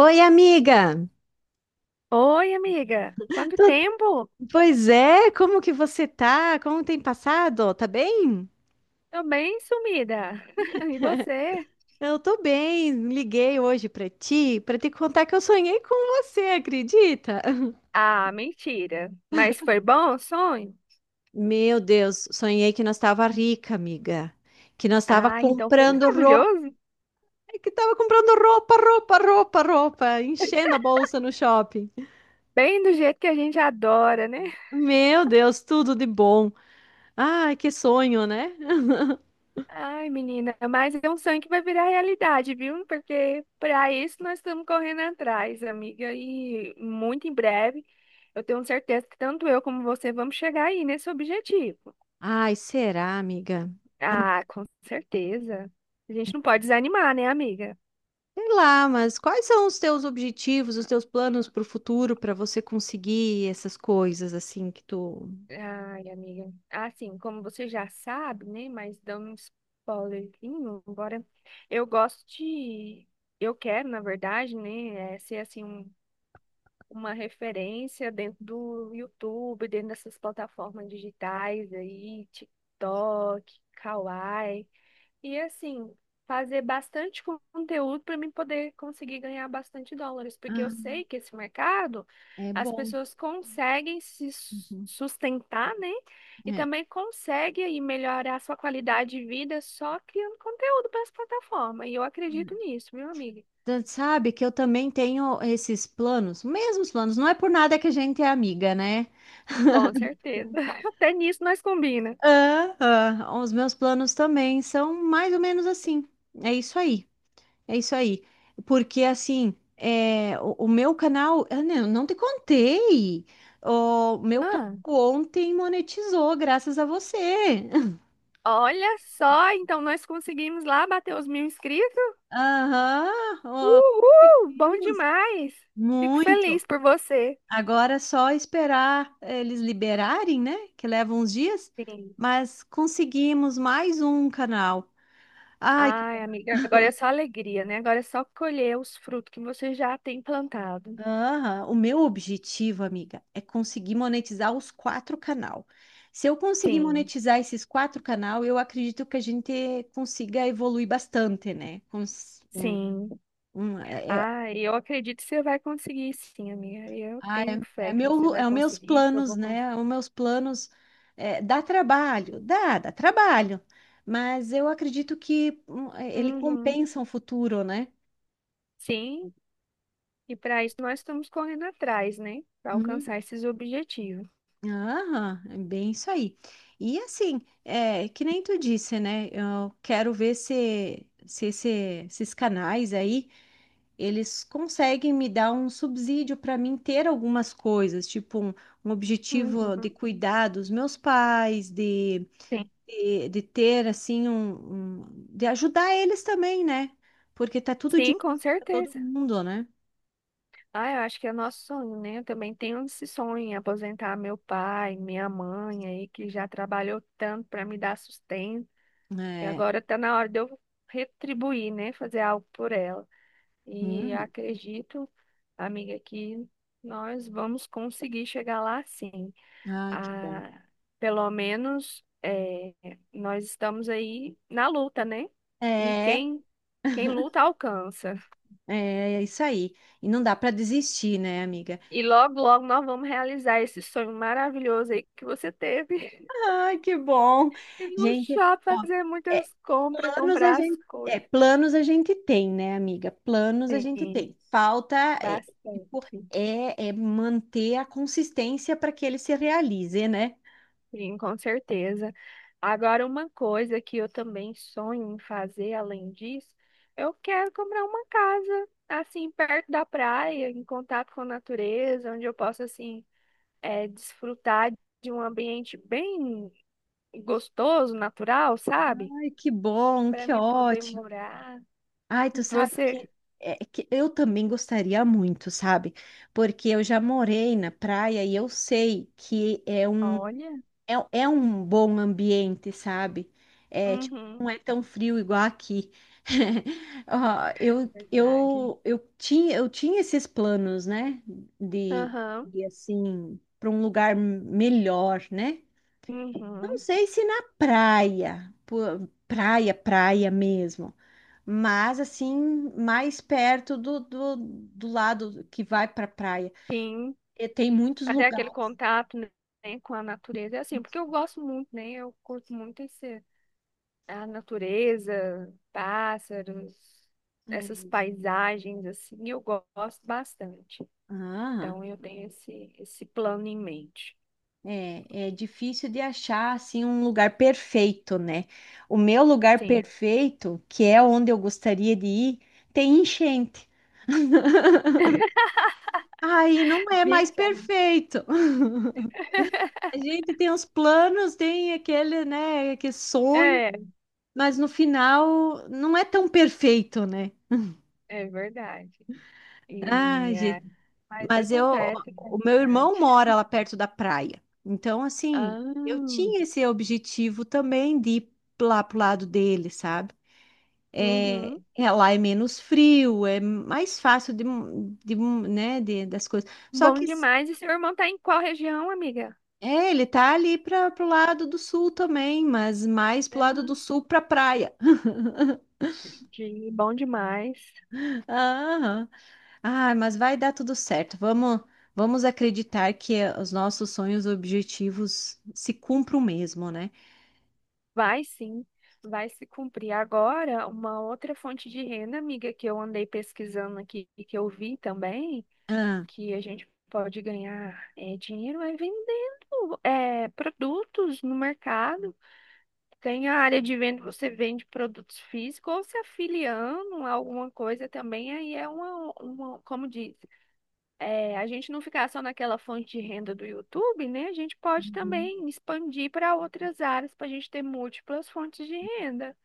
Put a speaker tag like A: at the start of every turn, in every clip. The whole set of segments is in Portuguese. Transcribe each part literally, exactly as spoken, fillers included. A: Oi, amiga!
B: Oi, amiga. Quanto
A: Tô-
B: tempo?
A: Pois é, como que você tá? Como tem passado? Tá bem?
B: Tô bem sumida. E você?
A: Eu tô bem. Liguei hoje pra ti pra te contar que eu sonhei com você, acredita?
B: Ah, mentira. Mas foi bom o sonho?
A: Meu Deus, sonhei que nós tava rica, amiga. Que nós tava
B: Ah, então foi
A: comprando roupa,
B: maravilhoso.
A: é que tava comprando roupa, roupa, roupa, roupa, enchendo a bolsa no shopping.
B: Bem do jeito que a gente adora, né?
A: Meu Deus, tudo de bom. Ai, que sonho, né?
B: Ai, menina, mas é um sonho que vai virar realidade, viu? Porque para isso nós estamos correndo atrás, amiga. E muito em breve, eu tenho certeza que tanto eu como você vamos chegar aí nesse objetivo.
A: Ai, será, amiga?
B: Ah, com certeza. A gente não pode desanimar, né, amiga?
A: Sei lá, mas quais são os teus objetivos, os teus planos para o futuro para você conseguir essas coisas assim que tu
B: Ai, amiga. Assim, como você já sabe, né? Mas dando um spoilerzinho, embora eu gosto de. Eu quero, na verdade, né? É, ser assim, um- uma referência dentro do YouTube, dentro dessas plataformas digitais aí, TikTok, Kawaii. E assim, fazer bastante con- conteúdo para mim poder conseguir ganhar bastante dólares, porque eu
A: Ah,
B: sei que esse mercado
A: é
B: as
A: bom.
B: pessoas conseguem se su-
A: Uhum.
B: sustentar, né? E
A: é,
B: também conseguem aí melhorar sua qualidade de vida só criando conteúdo para as plataformas. E eu acredito nisso, viu, amiga?
A: Tu sabe que eu também tenho esses planos, mesmos planos. Não é por nada que a gente é amiga, né?
B: Com certeza. Até nisso nós combina.
A: Ah, ah. Os meus planos também são mais ou menos assim. É isso aí. É isso aí. Porque assim, é, o, o meu canal, eu não, não te contei. O meu canal
B: Ah,
A: ontem monetizou, graças a você.
B: olha só, então nós conseguimos lá bater os mil inscritos.
A: Aham, ó,
B: Uhul! Bom
A: conseguimos.
B: demais! Fico
A: Muito.
B: feliz por você.
A: Agora é só esperar eles liberarem, né? Que leva uns dias,
B: Sim.
A: mas conseguimos mais um canal. Ai,
B: Ai, amiga, agora é só alegria, né? Agora é só colher os frutos que você já tem plantado.
A: aham, o meu objetivo, amiga, é conseguir monetizar os quatro canal. Se eu conseguir
B: Sim,
A: monetizar esses quatro canal, eu acredito que a gente consiga evoluir bastante, né? Cons- um-
B: sim.
A: um- é, é,
B: Ai, eu acredito que você vai conseguir, sim, amiga. Eu
A: ah,
B: tenho
A: é- É
B: fé que você
A: meu,
B: vai
A: é os meus
B: conseguir, que eu
A: planos,
B: vou conseguir.
A: né? Os meus planos é, dá trabalho, dá, dá trabalho, mas eu acredito que hum, é, ele
B: Uhum.
A: compensa o futuro, né?
B: Sim, e para isso nós estamos correndo atrás, né? Para alcançar esses objetivos.
A: Aham, é bem isso aí. E assim, é, que nem tu disse, né? Eu quero ver se, se esse- esses canais aí, eles conseguem me dar um subsídio para mim ter algumas coisas, tipo um, um objetivo de
B: Uhum.
A: cuidar dos meus pais, de,
B: Sim,
A: de, de ter assim um, um- de ajudar eles também, né? Porque tá tudo
B: sim, com
A: difícil para todo
B: certeza.
A: mundo, né?
B: Ah, eu acho que é nosso sonho, né? Eu também tenho esse sonho, em aposentar meu pai, minha mãe aí, que já trabalhou tanto para me dar sustento. E
A: É.
B: agora tá na hora de eu retribuir, né? Fazer algo por ela. E
A: Hum.
B: acredito, amiga, que nós vamos conseguir chegar lá sim.
A: Ai, que bom.
B: Ah, pelo menos eh, nós estamos aí na luta, né? E
A: É.
B: quem, quem luta alcança.
A: É, é isso aí. E não dá para desistir, né, amiga?
B: E logo, logo nós vamos realizar esse sonho maravilhoso aí que você teve.
A: Ai, que bom.
B: E no
A: Gente,
B: shopping
A: ó,
B: fazer
A: é,
B: muitas compras,
A: planos a
B: comprar as
A: gente, é,
B: coisas.
A: planos a gente tem, né, amiga? Planos a gente
B: Sim,
A: tem. Falta é, tipo,
B: bastante.
A: é, é manter a consistência para que ele se realize, né?
B: Sim, com certeza. Agora, uma coisa que eu também sonho em fazer, além disso, eu quero comprar uma casa, assim, perto da praia, em contato com a natureza, onde eu possa, assim, eh, desfrutar de um ambiente bem gostoso, natural, sabe?
A: Ai, que bom,
B: Para
A: que
B: me poder
A: ótimo.
B: morar.
A: Ai, tu sabe
B: Você?
A: que, é, que eu também gostaria muito, sabe? Porque eu já morei na praia e eu sei que é um
B: Olha,
A: É, é um bom ambiente, sabe? É, tipo,
B: uhum.
A: não é tão frio igual aqui. Ó,
B: É
A: eu,
B: verdade.
A: eu, eu tinha, eu tinha esses planos, né? De
B: Aham,
A: ir assim, para um lugar melhor, né? Não
B: uhum,
A: sei se na praia, pô, praia, praia mesmo, mas assim, mais perto do, do, do lado que vai para praia.
B: sim.
A: E tem muitos
B: Até aquele
A: lugares.
B: contato, né, com a natureza, é assim, porque eu gosto muito, né? Eu curto muito esse, a natureza, pássaros, essas
A: É.
B: paisagens, assim, eu go- gosto bastante.
A: Ah.
B: Então, eu tenho esse, esse plano em mente.
A: É, é difícil de achar assim um lugar perfeito, né? O meu lugar
B: Sim.
A: perfeito, que é onde eu gostaria de ir, tem enchente. Aí não é mais
B: Gente,
A: perfeito. A gente tem os planos, tem aquele, né, aquele sonho,
B: é É,
A: mas no final não é tão perfeito, né?
B: é verdade.
A: Ah,
B: E é,
A: gente,
B: mas
A: mas eu,
B: acontece, faz
A: o meu irmão
B: parte.
A: mora lá perto da praia. Então, assim, eu
B: Ah,
A: tinha esse objetivo também de ir lá pro lado dele, sabe? É,
B: uhum.
A: é, lá é menos frio, é mais fácil de, de, né, de- das coisas. Só
B: Bom
A: que
B: demais. E seu irmão tá em qual região, amiga?
A: é, ele tá ali para pro lado do sul também, mas mais pro lado do sul para praia.
B: Entendi. Bom demais.
A: Aham. Ah, mas vai dar tudo certo. Vamos, vamos acreditar que os nossos sonhos e objetivos se cumpram mesmo, né?
B: Vai sim, vai se cumprir. Agora, uma outra fonte de renda, amiga, que eu andei pesquisando aqui e que eu vi também,
A: Ah,
B: que a gente pode ganhar é, dinheiro é vendendo é, produtos no mercado. Tem a área de venda, você vende produtos físicos ou se afiliando a alguma coisa também, aí é uma, uma como diz. É, a gente não ficar só naquela fonte de renda do YouTube, né? A gente pode
A: uhum.
B: também expandir para outras áreas para a gente ter múltiplas fontes de renda.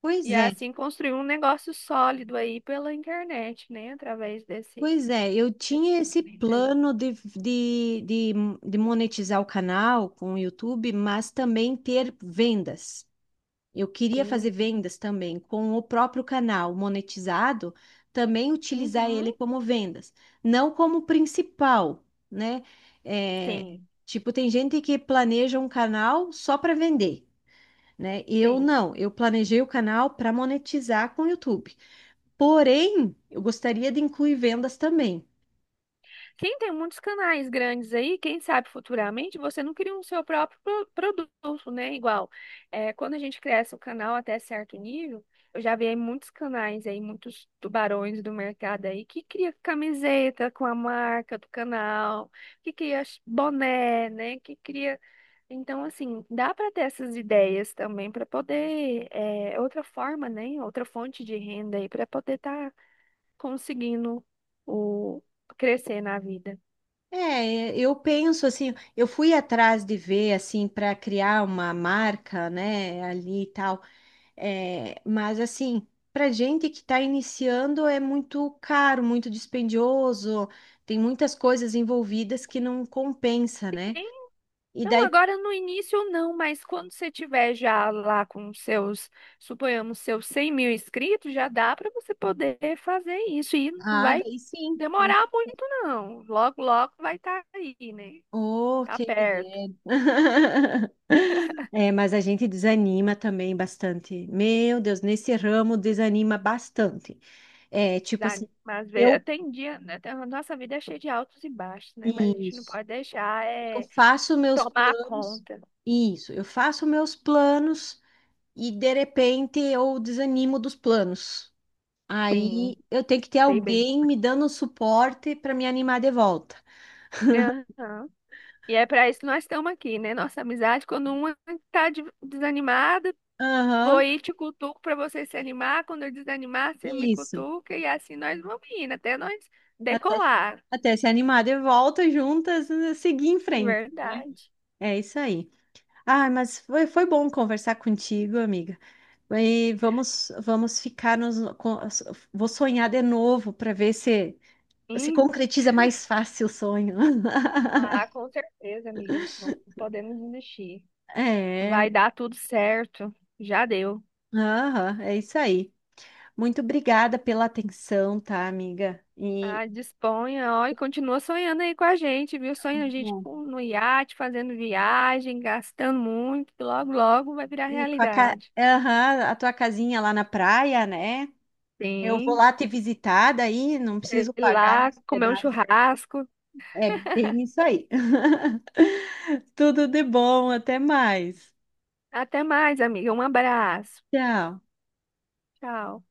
A: Pois
B: E
A: é.
B: assim construir um negócio sólido aí pela internet, né? Através desse
A: Pois é, eu tinha esse
B: segmento aí.
A: plano de, de, de, de monetizar o canal com o YouTube, mas também ter vendas. Eu queria fazer
B: Sim.
A: vendas também com o próprio canal monetizado, também utilizar
B: Uhum.
A: ele como vendas, não como principal, né? É,
B: Sim,
A: tipo, tem gente que planeja um canal só para vender, né? Eu
B: sim.
A: não, eu planejei o canal para monetizar com o YouTube. Porém, eu gostaria de incluir vendas também.
B: Quem tem muitos canais grandes aí, quem sabe futuramente você não cria um seu próprio pro- produto, né? Igual, é, quando a gente cresce o canal até certo nível, eu já vi aí muitos canais aí, muitos tubarões do mercado aí que cria camiseta com a marca do canal, que cria ch- boné, né? Que cria. Então, assim, dá para ter essas ideias também para poder, é, outra forma, né? Outra fonte de renda aí para poder estar conseguindo o crescer na vida.
A: É, eu penso assim, eu fui atrás de ver assim para criar uma marca, né, ali e tal. É, mas assim, para gente que está iniciando é muito caro, muito dispendioso, tem muitas coisas envolvidas que não compensa, né? E
B: Não,
A: daí,
B: agora no início não, mas quando você tiver já lá com seus, suponhamos, seus cem mil inscritos, já dá para você poder fazer isso. E não
A: ah,
B: vai
A: daí sim.
B: demorar muito, não. Logo, logo vai estar aí, né?
A: Oh,
B: Tá
A: que
B: perto.
A: ideia. É, mas a gente desanima também bastante. Meu Deus, nesse ramo desanima bastante. É, tipo
B: Dá-
A: assim,
B: Mas vê-
A: eu
B: tem dia, né? tem- A nossa vida é cheia de altos e baixos, né? Mas a gente não
A: isso.
B: pode deixar
A: Eu
B: é,
A: faço meus
B: tomar
A: planos.
B: conta.
A: Isso. Eu faço meus planos e de repente eu desanimo dos planos.
B: Sim,
A: Aí eu tenho que ter
B: sei bem.
A: alguém me dando um suporte para me animar de volta.
B: Aham. E é para isso que nós estamos aqui, né? Nossa amizade, quando uma está desanimada,
A: Aham,
B: vou ir te cutuco para você se animar. Quando eu desanimar, você me
A: isso.
B: cutuca e assim nós vamos indo até nós
A: Até,
B: decolar.
A: até se animar de volta juntas, né, seguir em frente, né?
B: Verdade.
A: É isso aí. Ah, mas foi, foi bom conversar contigo, amiga. E vamos, vamos ficar nos. com- Vou sonhar de novo para ver se se
B: Hum.
A: concretiza mais fácil o sonho.
B: Ah, com certeza, amiga. Não podemos desistir.
A: É,
B: Vai dar tudo certo. Já deu.
A: aham, é isso aí. Muito obrigada pela atenção, tá, amiga? E,
B: Ah, disponha, ó, e continua sonhando aí com a gente, viu? Sonha a gente
A: bom,
B: com- no iate, fazendo viagem, gastando muito, que logo, logo vai virar
A: e com a, ca-
B: realidade.
A: aham, a tua casinha lá na praia, né? Eu vou
B: Sim,
A: lá te visitar daí, não
B: sei
A: preciso pagar
B: lá, comer um
A: hospedagem.
B: churrasco.
A: É bem isso aí. Tudo de bom, até mais.
B: Até mais, amiga. Um abraço.
A: Tchau.
B: Tchau.